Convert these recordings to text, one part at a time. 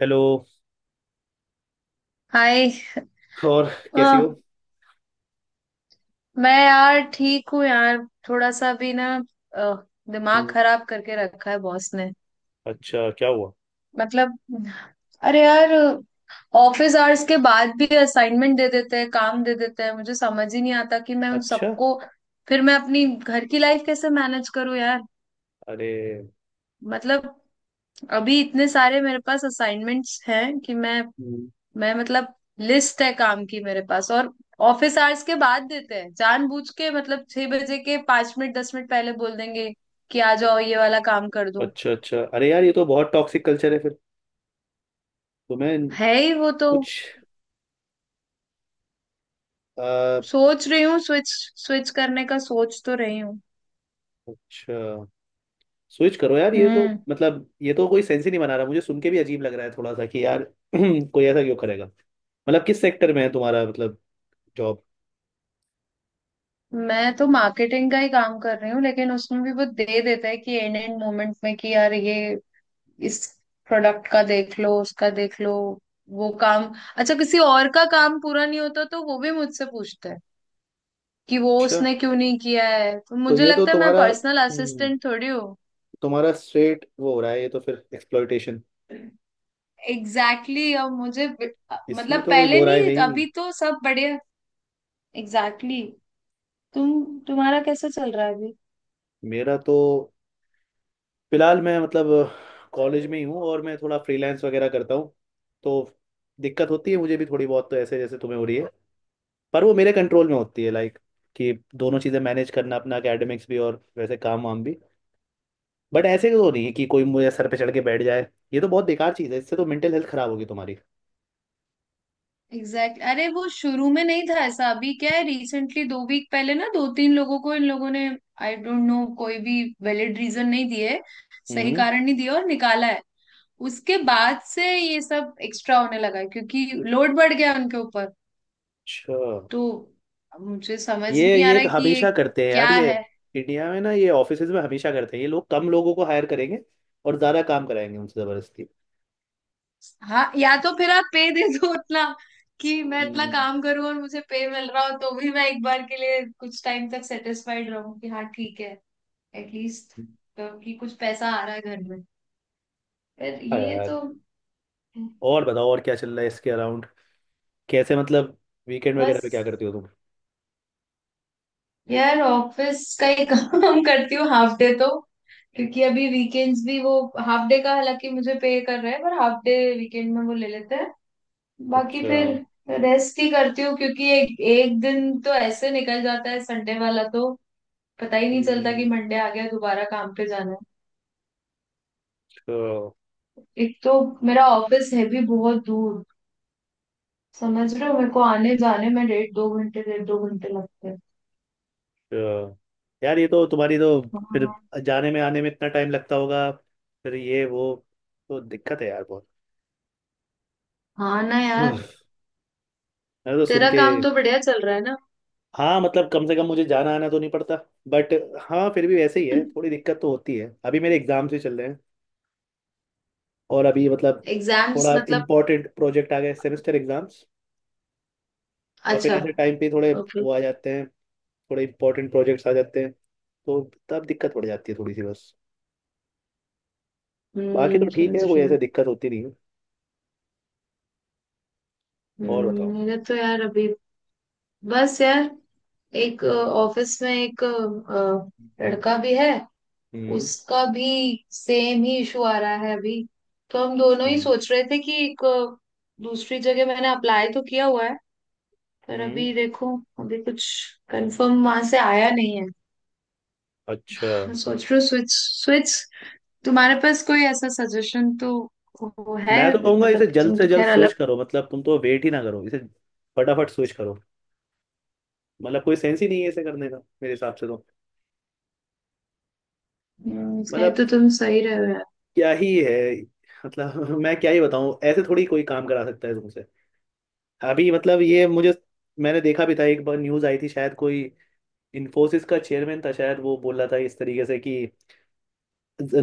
Hello. Hi. और अ, कैसी हो? मैं यार ठीक हूँ यार। थोड़ा सा भी ना अ, दिमाग हम्म, खराब करके रखा है बॉस ने। अच्छा, क्या हुआ? मतलब अरे यार ऑफिस आवर्स के बाद भी असाइनमेंट दे देते हैं, काम दे देते हैं, मुझे समझ ही नहीं आता कि मैं उन अच्छा। सबको फिर मैं अपनी घर की लाइफ कैसे मैनेज करूँ यार। अरे, मतलब अभी इतने सारे मेरे पास असाइनमेंट्स हैं कि मैं हम्म, मैं मतलब लिस्ट है काम की मेरे पास। और ऑफिस आवर्स के बाद देते हैं जानबूझ के, मतलब छह बजे के पांच मिनट दस मिनट पहले बोल देंगे कि आ जाओ ये वाला काम कर दो। अच्छा, अच्छा, अरे यार, ये तो बहुत टॉक्सिक कल्चर है फिर। तुम्हें है ही वो तो। कुछ अ, सोच रही हूँ स्विच, स्विच करने का सोच तो रही हूँ। अच्छा। स्विच करो यार, ये तो हम्म, मतलब ये तो कोई सेंस ही नहीं बना रहा। मुझे सुन के भी अजीब लग रहा है थोड़ा सा कि यार कोई ऐसा क्यों करेगा? मतलब किस सेक्टर में है तुम्हारा मतलब जॉब? मैं तो मार्केटिंग का ही काम कर रही हूँ लेकिन उसमें भी वो दे देता है कि एंड एंड मोमेंट में कि यार ये इस प्रोडक्ट का देख लो उसका देख लो वो काम। अच्छा किसी और का काम पूरा नहीं होता तो वो भी मुझसे पूछता है कि वो अच्छा। उसने क्यों नहीं किया है। तो तो मुझे ये तो लगता है मैं तुम्हारा पर्सनल असिस्टेंट थोड़ी हूँ। तुम्हारा स्ट्रेट वो हो रहा है, ये तो फिर एक्सप्लॉयटेशन। एग्जैक्टली exactly, अब मुझे मतलब इसमें तो कोई पहले दो राय है नहीं ही नहीं। अभी तो सब बढ़िया। Exactly exactly। तुम तुम्हारा कैसा चल रहा है अभी? मेरा तो फिलहाल मैं मतलब कॉलेज में ही हूँ, और मैं थोड़ा फ्रीलांस वगैरह करता हूँ। तो दिक्कत होती है मुझे भी थोड़ी बहुत, तो ऐसे जैसे तुम्हें हो रही है, पर वो मेरे कंट्रोल में होती है। लाइक कि दोनों चीज़ें मैनेज करना, अपना एकेडमिक्स भी और वैसे काम वाम भी। बट ऐसे तो नहीं है कि कोई मुझे सर पे चढ़ के बैठ जाए। ये तो बहुत बेकार चीज़ है, इससे तो मेंटल हेल्थ खराब होगी तुम्हारी। Exact exactly। अरे वो शुरू में नहीं था ऐसा, अभी क्या है रिसेंटली दो वीक पहले ना दो तीन लोगों को इन लोगों ने, आई डोंट नो, कोई भी वैलिड रीजन नहीं दिए, सही हम्म। कारण नहीं दिया और निकाला है। उसके बाद से ये सब एक्स्ट्रा होने लगा है, क्योंकि लोड बढ़ गया उनके ऊपर। अच्छा। तो मुझे समझ ये नहीं आ ये रहा है कि ये हमेशा करते हैं क्या यार, ये है। इंडिया में ना, ये ऑफिसेज में हमेशा करते हैं ये लोग। कम लोगों को हायर करेंगे और ज़्यादा काम कराएंगे उनसे ज़बरदस्ती। हाँ या तो फिर आप पे दे दो उतना कि मैं इतना हम्म, काम करूं और मुझे पे मिल रहा हो तो भी मैं एक बार के लिए कुछ टाइम तक सेटिस्फाइड रहूं कि हाँ ठीक है एटलीस्ट तो कि कुछ पैसा आ रहा है घर में। पर हाँ ये यार। तो और बताओ, और क्या चल रहा है इसके अराउंड? कैसे मतलब वीकेंड वगैरह पे क्या बस करती हो तुम? यार ऑफिस का ही काम करती हूँ हाफ डे तो, क्योंकि अभी वीकेंड्स भी वो हाफ डे का हालांकि मुझे पे कर रहे हैं पर हाफ डे वीकेंड में वो ले लेते हैं। बाकी अच्छा। फिर रेस्ट ही करती हूँ क्योंकि एक एक दिन तो ऐसे निकल जाता है संडे वाला तो पता ही नहीं चलता कि हम्म, मंडे आ गया दोबारा काम पे जाना है। अच्छा। एक तो मेरा ऑफिस है भी बहुत दूर, समझ रहे हो, मेरे को आने जाने में डेढ़ दो घंटे लगते हैं। अच्छा। यार, ये तो तुम्हारी तो फिर हाँ। जाने में आने में इतना टाइम लगता होगा, फिर ये वो, तो दिक्कत है यार बहुत। हाँ ना यार। मैंने तो सुन तेरा के काम तो बढ़िया चल रहा है ना हाँ, मतलब कम से कम मुझे जाना आना तो नहीं पड़ता। बट हाँ, फिर भी वैसे ही है, थोड़ी दिक्कत तो होती है। अभी मेरे एग्जाम्स भी चल रहे हैं और अभी मतलब एग्जाम्स थोड़ा मतलब? इम्पोर्टेंट प्रोजेक्ट आ गए, सेमेस्टर एग्जाम्स। और फिर अच्छा। ऐसे टाइम पे थोड़े ओके। वो आ जाते हैं, थोड़े इंपॉर्टेंट प्रोजेक्ट्स आ जाते हैं। तो तब दिक्कत पड़ जाती है थोड़ी सी, बस। बाकी हम्म, तो ठीक समझ है, कोई रही ऐसे हूँ। दिक्कत होती नहीं है। और बताओ। मेरा तो यार अभी बस यार, एक ऑफिस में एक हम्म, लड़का भी है हम्म, उसका भी सेम ही इशू आ रहा है अभी। तो हम दोनों अच्छा। ही सोच रहे थे कि एक दूसरी जगह मैंने अप्लाई तो किया हुआ है पर हम्म, अभी देखो अभी कुछ कंफर्म वहां से आया नहीं है। अच्छा। मैं सोच रही हूँ स्विच स्विच। तुम्हारे पास कोई ऐसा सजेशन तो वो है? मैं तो कहूंगा इसे मतलब जल्द तुम से तो जल्द खैर अलग। स्विच करो। मतलब तुम तो वेट ही ना करो इसे, फटाफट स्विच करो। मतलब कोई सेंस ही नहीं है इसे करने का, मेरे हिसाब से तो। कह मतलब तो तुम सही रहे हो यार। क्या ही है? मतलब मैं क्या ही बताऊं? ऐसे थोड़ी कोई काम करा सकता है तुमसे। अभी मतलब ये मुझे मैंने देखा भी था एक बार, न्यूज आई थी शायद, कोई इन्फोसिस का चेयरमैन था शायद, वो बोल रहा था इस तरीके से कि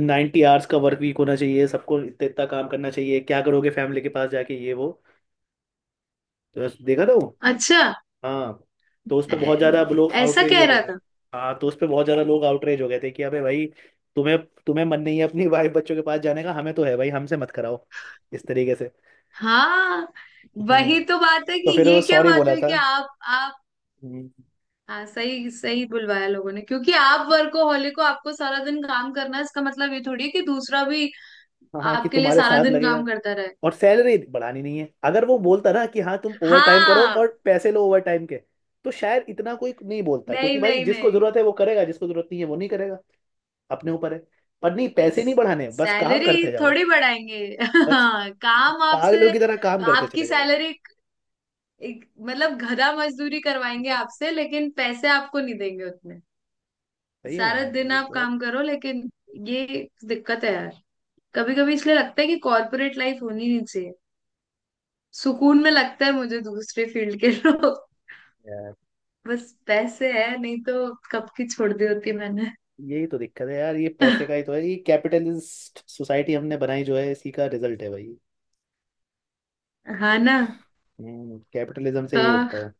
90 आवर्स का वर्क वीक होना चाहिए सबको, इतना इतना काम करना चाहिए, क्या करोगे फैमिली के पास जाके ये वो। तो बस देखा था वो। अच्छा हाँ। तो उस पर बहुत ऐ- ज़्यादा अब लोग ऐसा आउटरेज कह हो गए रहा थे। था? हाँ, तो उस पर बहुत ज़्यादा लोग आउटरेज हो गए थे कि अबे भाई, तुम्हें तुम्हें मन नहीं है अपनी वाइफ बच्चों के पास जाने का, हमें तो है भाई, हमसे मत कराओ इस तरीके से। हाँ हम्म। वही तो बात है तो कि फिर वो ये क्या सॉरी बात बोला हुई कि था। आप। हम्म। हाँ सही सही बुलवाया लोगों ने क्योंकि आप वर्कोहॉलिक को आपको सारा दिन काम करना है इसका मतलब ये थोड़ी है कि दूसरा भी हाँ हाँ, कि आपके लिए तुम्हारे सारा साथ दिन लगेगा। काम करता रहे। और सैलरी बढ़ानी नहीं है। अगर वो बोलता ना कि हाँ तुम ओवर टाइम करो हाँ। और पैसे लो ओवर टाइम के, तो शायद इतना कोई नहीं बोलता, नहीं क्योंकि भाई नहीं जिसको नहीं, जरूरत है वो करेगा, जिसको जरूरत नहीं है वो नहीं करेगा, अपने ऊपर है। पर नहीं, नहीं पैसे नहीं बढ़ाने, बस काम सैलरी करते जाओ, थोड़ी बढ़ाएंगे बस हाँ काम पागलों आपसे की तरह काम करते आपकी चले जाओ। सैलरी मतलब गधा मजदूरी करवाएंगे आपसे लेकिन पैसे आपको नहीं देंगे उतने। सही में सारा यार, दिन ये आप बहुत काम करो लेकिन ये दिक्कत है यार। कभी कभी इसलिए लगता है कि कॉर्पोरेट लाइफ होनी नहीं चाहिए, सुकून में लगता है मुझे दूसरे फील्ड के लोग। यार, बस पैसे है नहीं तो कब की छोड़ दी होती मैंने यही तो दिक्कत है यार। ये पैसे का ही तो है, ये कैपिटलिस्ट सोसाइटी हमने बनाई जो है, इसी का रिजल्ट है भाई। हाँ ना। हम्म, कैपिटलिज्म से यही हाँ होता है।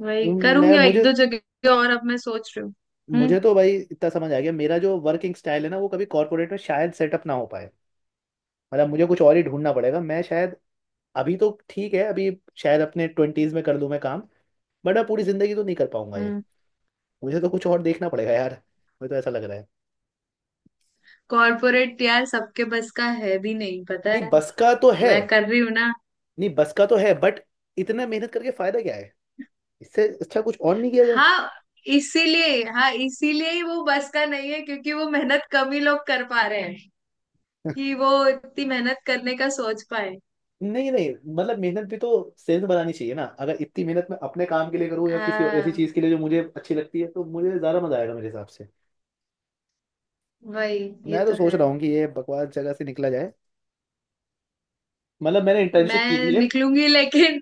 वही मैं करूंगी एक मुझे दो जगह और अब मैं सोच रही हूँ। हम्म। मुझे तो भाई इतना समझ आ गया, मेरा जो वर्किंग स्टाइल है ना, वो कभी कॉर्पोरेट में शायद सेटअप ना हो पाए। मतलब मुझे कुछ और ही ढूंढना पड़ेगा। मैं शायद, अभी तो ठीक है, अभी शायद अपने ट्वेंटीज में कर लूँ मैं काम, बट अब पूरी जिंदगी तो नहीं कर पाऊंगा ये। हम्म। मुझे तो कुछ और देखना पड़ेगा यार, मुझे तो ऐसा लग रहा है। कॉर्पोरेट यार सबके बस का है भी नहीं, पता नहीं, है बस का तो है। मैं कर रही हूँ ना। नहीं बस का तो है, बट इतना मेहनत करके फायदा क्या है? इससे अच्छा कुछ और नहीं किया जाए? हाँ इसीलिए, हाँ इसीलिए ही वो बस का नहीं है क्योंकि वो मेहनत कम ही लोग कर पा रहे हैं कि वो इतनी मेहनत करने का सोच पाए। नहीं नहीं, मतलब मेहनत भी तो सेंस बनानी चाहिए ना। अगर इतनी मेहनत मैं अपने काम के लिए करूँ या किसी ऐसी हाँ चीज के लिए जो मुझे अच्छी लगती है, तो मुझे ज्यादा मजा आएगा मेरे हिसाब से। वही। ये मैं तो तो सोच है। रहा हूँ कि ये बकवास जगह से निकला जाए। मतलब मैंने इंटर्नशिप की मैं थी, ये निकलूंगी लेकिन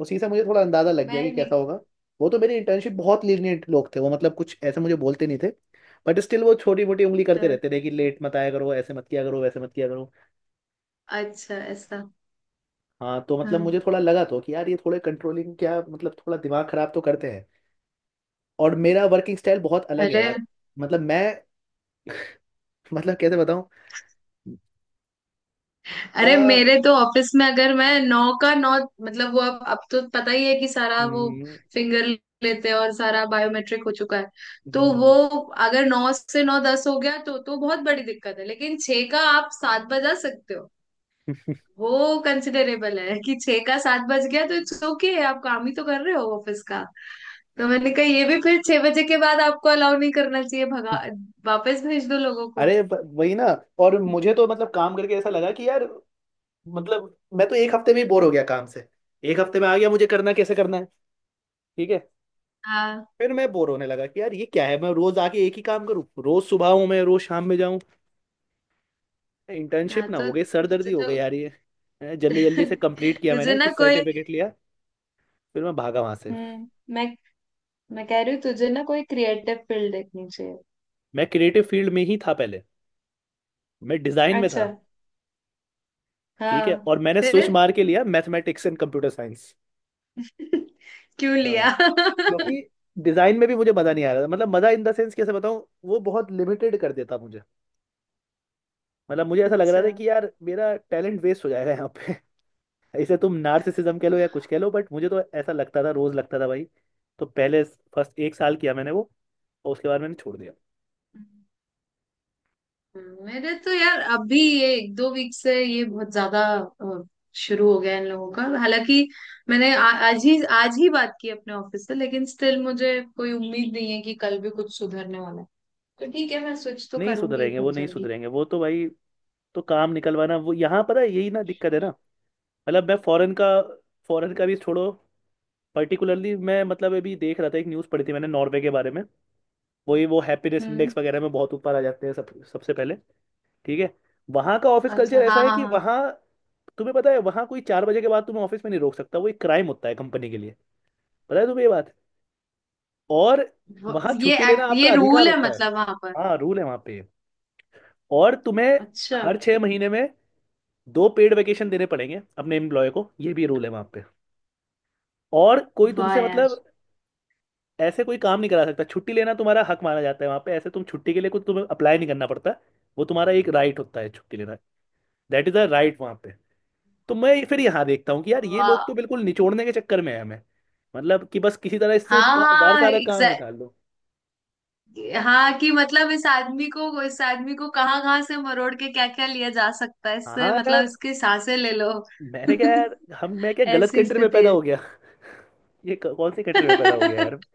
उसी से मुझे थोड़ा अंदाजा लग गया मैं कि कैसा निक होगा। वो तो मेरी इंटर्नशिप बहुत लीनियंट लोग थे वो, मतलब कुछ ऐसे मुझे बोलते नहीं थे, बट स्टिल वो छोटी मोटी उंगली करते रहते थे कि लेट मत आया करो, ऐसे मत किया करो, वैसे मत किया करो। अच्छा ऐसा? हाँ, तो मतलब हाँ। मुझे थोड़ा लगा तो कि यार ये थोड़े कंट्रोलिंग, क्या मतलब, थोड़ा दिमाग खराब तो करते हैं। और मेरा वर्किंग स्टाइल बहुत अलग है अरे। यार। मतलब मैं, मतलब कैसे बताऊँ? अरे आ, मेरे तो ऑफिस में अगर मैं नौ का नौ मतलब वो अब तो पता ही है कि सारा वो हम्म, फिंगर लेते हैं और सारा बायोमेट्रिक हो चुका है। तो वो हम्म, अगर नौ से नौ दस हो गया तो बहुत बड़ी दिक्कत है लेकिन छह का आप सात बजा सकते हो। वो कंसिडरेबल है कि छह का सात बज गया तो इट्स ओके, आप काम ही तो कर रहे हो ऑफिस का। तो मैंने कहा ये भी फिर छह बजे के बाद आपको अलाउ नहीं करना चाहिए, भगा वापस भेज दो लोगों को। अरे वही ना। और मुझे तो मतलब काम करके ऐसा लगा कि यार, मतलब मैं तो एक हफ्ते में ही बोर हो गया काम से। एक हफ्ते में आ गया मुझे करना कैसे करना है, ठीक है। हाँ फिर मैं बोर होने लगा कि यार ये क्या है, मैं रोज आके एक ही काम करूँ, रोज सुबह हूँ मैं, रोज शाम में जाऊँ। हाँ इंटर्नशिप ना हो तो गई, तुझे सरदर्दी हो गई तो यार ये, जल्दी जल्दी से कंप्लीट किया तुझे मैंने कि ना कोई। सर्टिफिकेट लिया, फिर मैं भागा वहां से। हम्म। मैं मैं कह रही हूँ तुझे ना कोई क्रिएटिव फील्ड देखनी चाहिए। मैं क्रिएटिव फील्ड में ही था पहले, मैं डिजाइन में था, अच्छा। ठीक है, हाँ। और मैंने स्विच फिर मार के लिया मैथमेटिक्स एंड कंप्यूटर साइंस। क्यों हाँ। लिया क्योंकि डिजाइन में भी मुझे मजा नहीं आ रहा था, मतलब मजा इन द सेंस कैसे बताऊं, वो बहुत लिमिटेड कर देता मुझे। मतलब मुझे ऐसा लग रहा अच्छा। था कि यार मेरा टैलेंट वेस्ट हो जाएगा यहाँ पे। इसे तुम नार्सिसिज्म कह लो या कुछ कह लो, बट मुझे तो ऐसा लगता था, रोज लगता था भाई। तो पहले फर्स्ट एक साल किया मैंने वो, और उसके बाद मैंने छोड़ दिया। मेरे तो यार अभी ये एक दो वीक से ये बहुत ज्यादा अ, शुरू हो गया इन लोगों का। हालांकि मैंने आज ही बात की अपने ऑफिस से लेकिन स्टिल मुझे कोई उम्मीद नहीं है कि कल भी कुछ सुधरने वाला है। तो ठीक है मैं स्विच तो नहीं करूंगी सुधरेंगे वो, बहुत नहीं जल्दी। सुधरेंगे वो तो भाई। तो काम निकलवाना, वो यहाँ पता है यही ना दिक्कत है ना। मतलब मैं फॉरेन का, फॉरेन का भी छोड़ो, पर्टिकुलरली मैं मतलब, अभी देख रहा था एक न्यूज़ पढ़ी थी मैंने नॉर्वे के बारे में। वही वो हैप्पीनेस हम्म। इंडेक्स वगैरह में बहुत ऊपर आ जाते हैं सब, सबसे पहले। ठीक है। वहाँ का ऑफिस अच्छा। कल्चर ऐसा हाँ है हाँ कि हाँ। वहाँ तुम्हें पता है वहाँ कोई चार बजे के बाद तुम्हें ऑफिस में नहीं रोक सकता, वो एक क्राइम होता है कंपनी के लिए। पता है तुम्हें ये बात? और वहाँ ये छुट्टी लेना आपका ये अधिकार रूल है होता है। मतलब वहां पर? हाँ, रूल है वहाँ पे। और तुम्हें अच्छा। हर छः महीने में दो पेड वेकेशन देने पड़ेंगे अपने एम्प्लॉय को, ये भी रूल है वहाँ पे। और कोई वाह तुमसे यार। मतलब ऐसे कोई काम नहीं करा सकता। छुट्टी लेना तुम्हारा हक माना जाता है वहाँ पे, ऐसे तुम छुट्टी के लिए कुछ तुम्हें अप्लाई नहीं करना पड़ता, वो तुम्हारा एक राइट होता है, छुट्टी लेना। दैट इज द राइट वहां पे। तो मैं फिर यहाँ देखता हूँ कि यार ये वाह। लोग तो बिल्कुल निचोड़ने के चक्कर में है हमें। मतलब कि बस किसी तरह इससे हाँ यार हाँ सारा काम निकाल लो। हाँ कि मतलब इस आदमी को कहाँ कहाँ से मरोड़ के क्या क्या लिया जा सकता है इससे, हाँ मतलब यार, इसकी सांसें ले लो। मैंने क्या यार, हम मैं क्या गलत ऐसी कंट्री में स्थिति पैदा है। हो गया। ये कौन सी कंट्री में पैदा हो गया यार।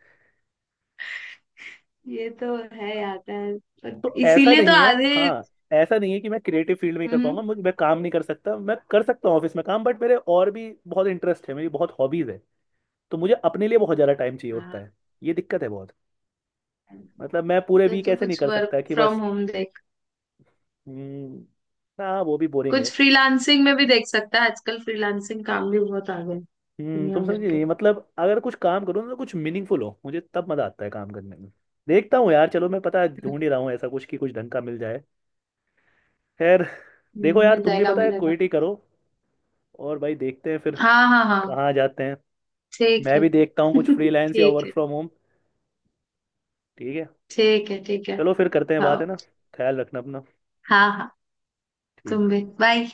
ये तो है यार पर तो ऐसा इसीलिए तो नहीं है, आधे। हाँ। ऐसा नहीं है कि मैं क्रिएटिव फील्ड में ही कर हम्म। पाऊंगा, मुझे मैं काम नहीं कर सकता, मैं कर सकता हूँ ऑफिस में काम, बट मेरे और भी बहुत इंटरेस्ट है, मेरी बहुत हॉबीज है। तो मुझे अपने लिए बहुत ज़्यादा टाइम चाहिए होता हाँ है, ये दिक्कत है बहुत। मतलब मैं पूरे तो वीक तू ऐसे नहीं कुछ कर वर्क सकता कि फ्रॉम बस। होम देख, हम्म, हाँ वो भी बोरिंग है। कुछ फ्रीलांसिंग में भी देख सकता है आजकल फ्रीलांसिंग काम भी बहुत आ गए हम्म, दुनिया तुम समझ भर के। नहीं, मतलब अगर कुछ काम करो ना तो कुछ मीनिंगफुल हो, मुझे तब मजा आता है काम करने में। देखता हूँ यार, चलो, मैं पता है ढूंढ ही रहा हूँ ऐसा कुछ कि कुछ ढंग का मिल जाए। खैर, देखो यार मिल तुम भी जाएगा पता मिल है जाएगा। क्विट ही करो, और भाई देखते हैं फिर हाँ हाँ हाँ। कहाँ जाते हैं। ठीक मैं है भी देखता हूँ कुछ फ्रीलांस या ठीक वर्क है फ्रॉम होम। ठीक है, ठीक है ठीक है। चलो फिर करते हैं बात, है हाँ ना? ख्याल रखना अपना। हाँ हाँ तुम ठीक। भी बाय।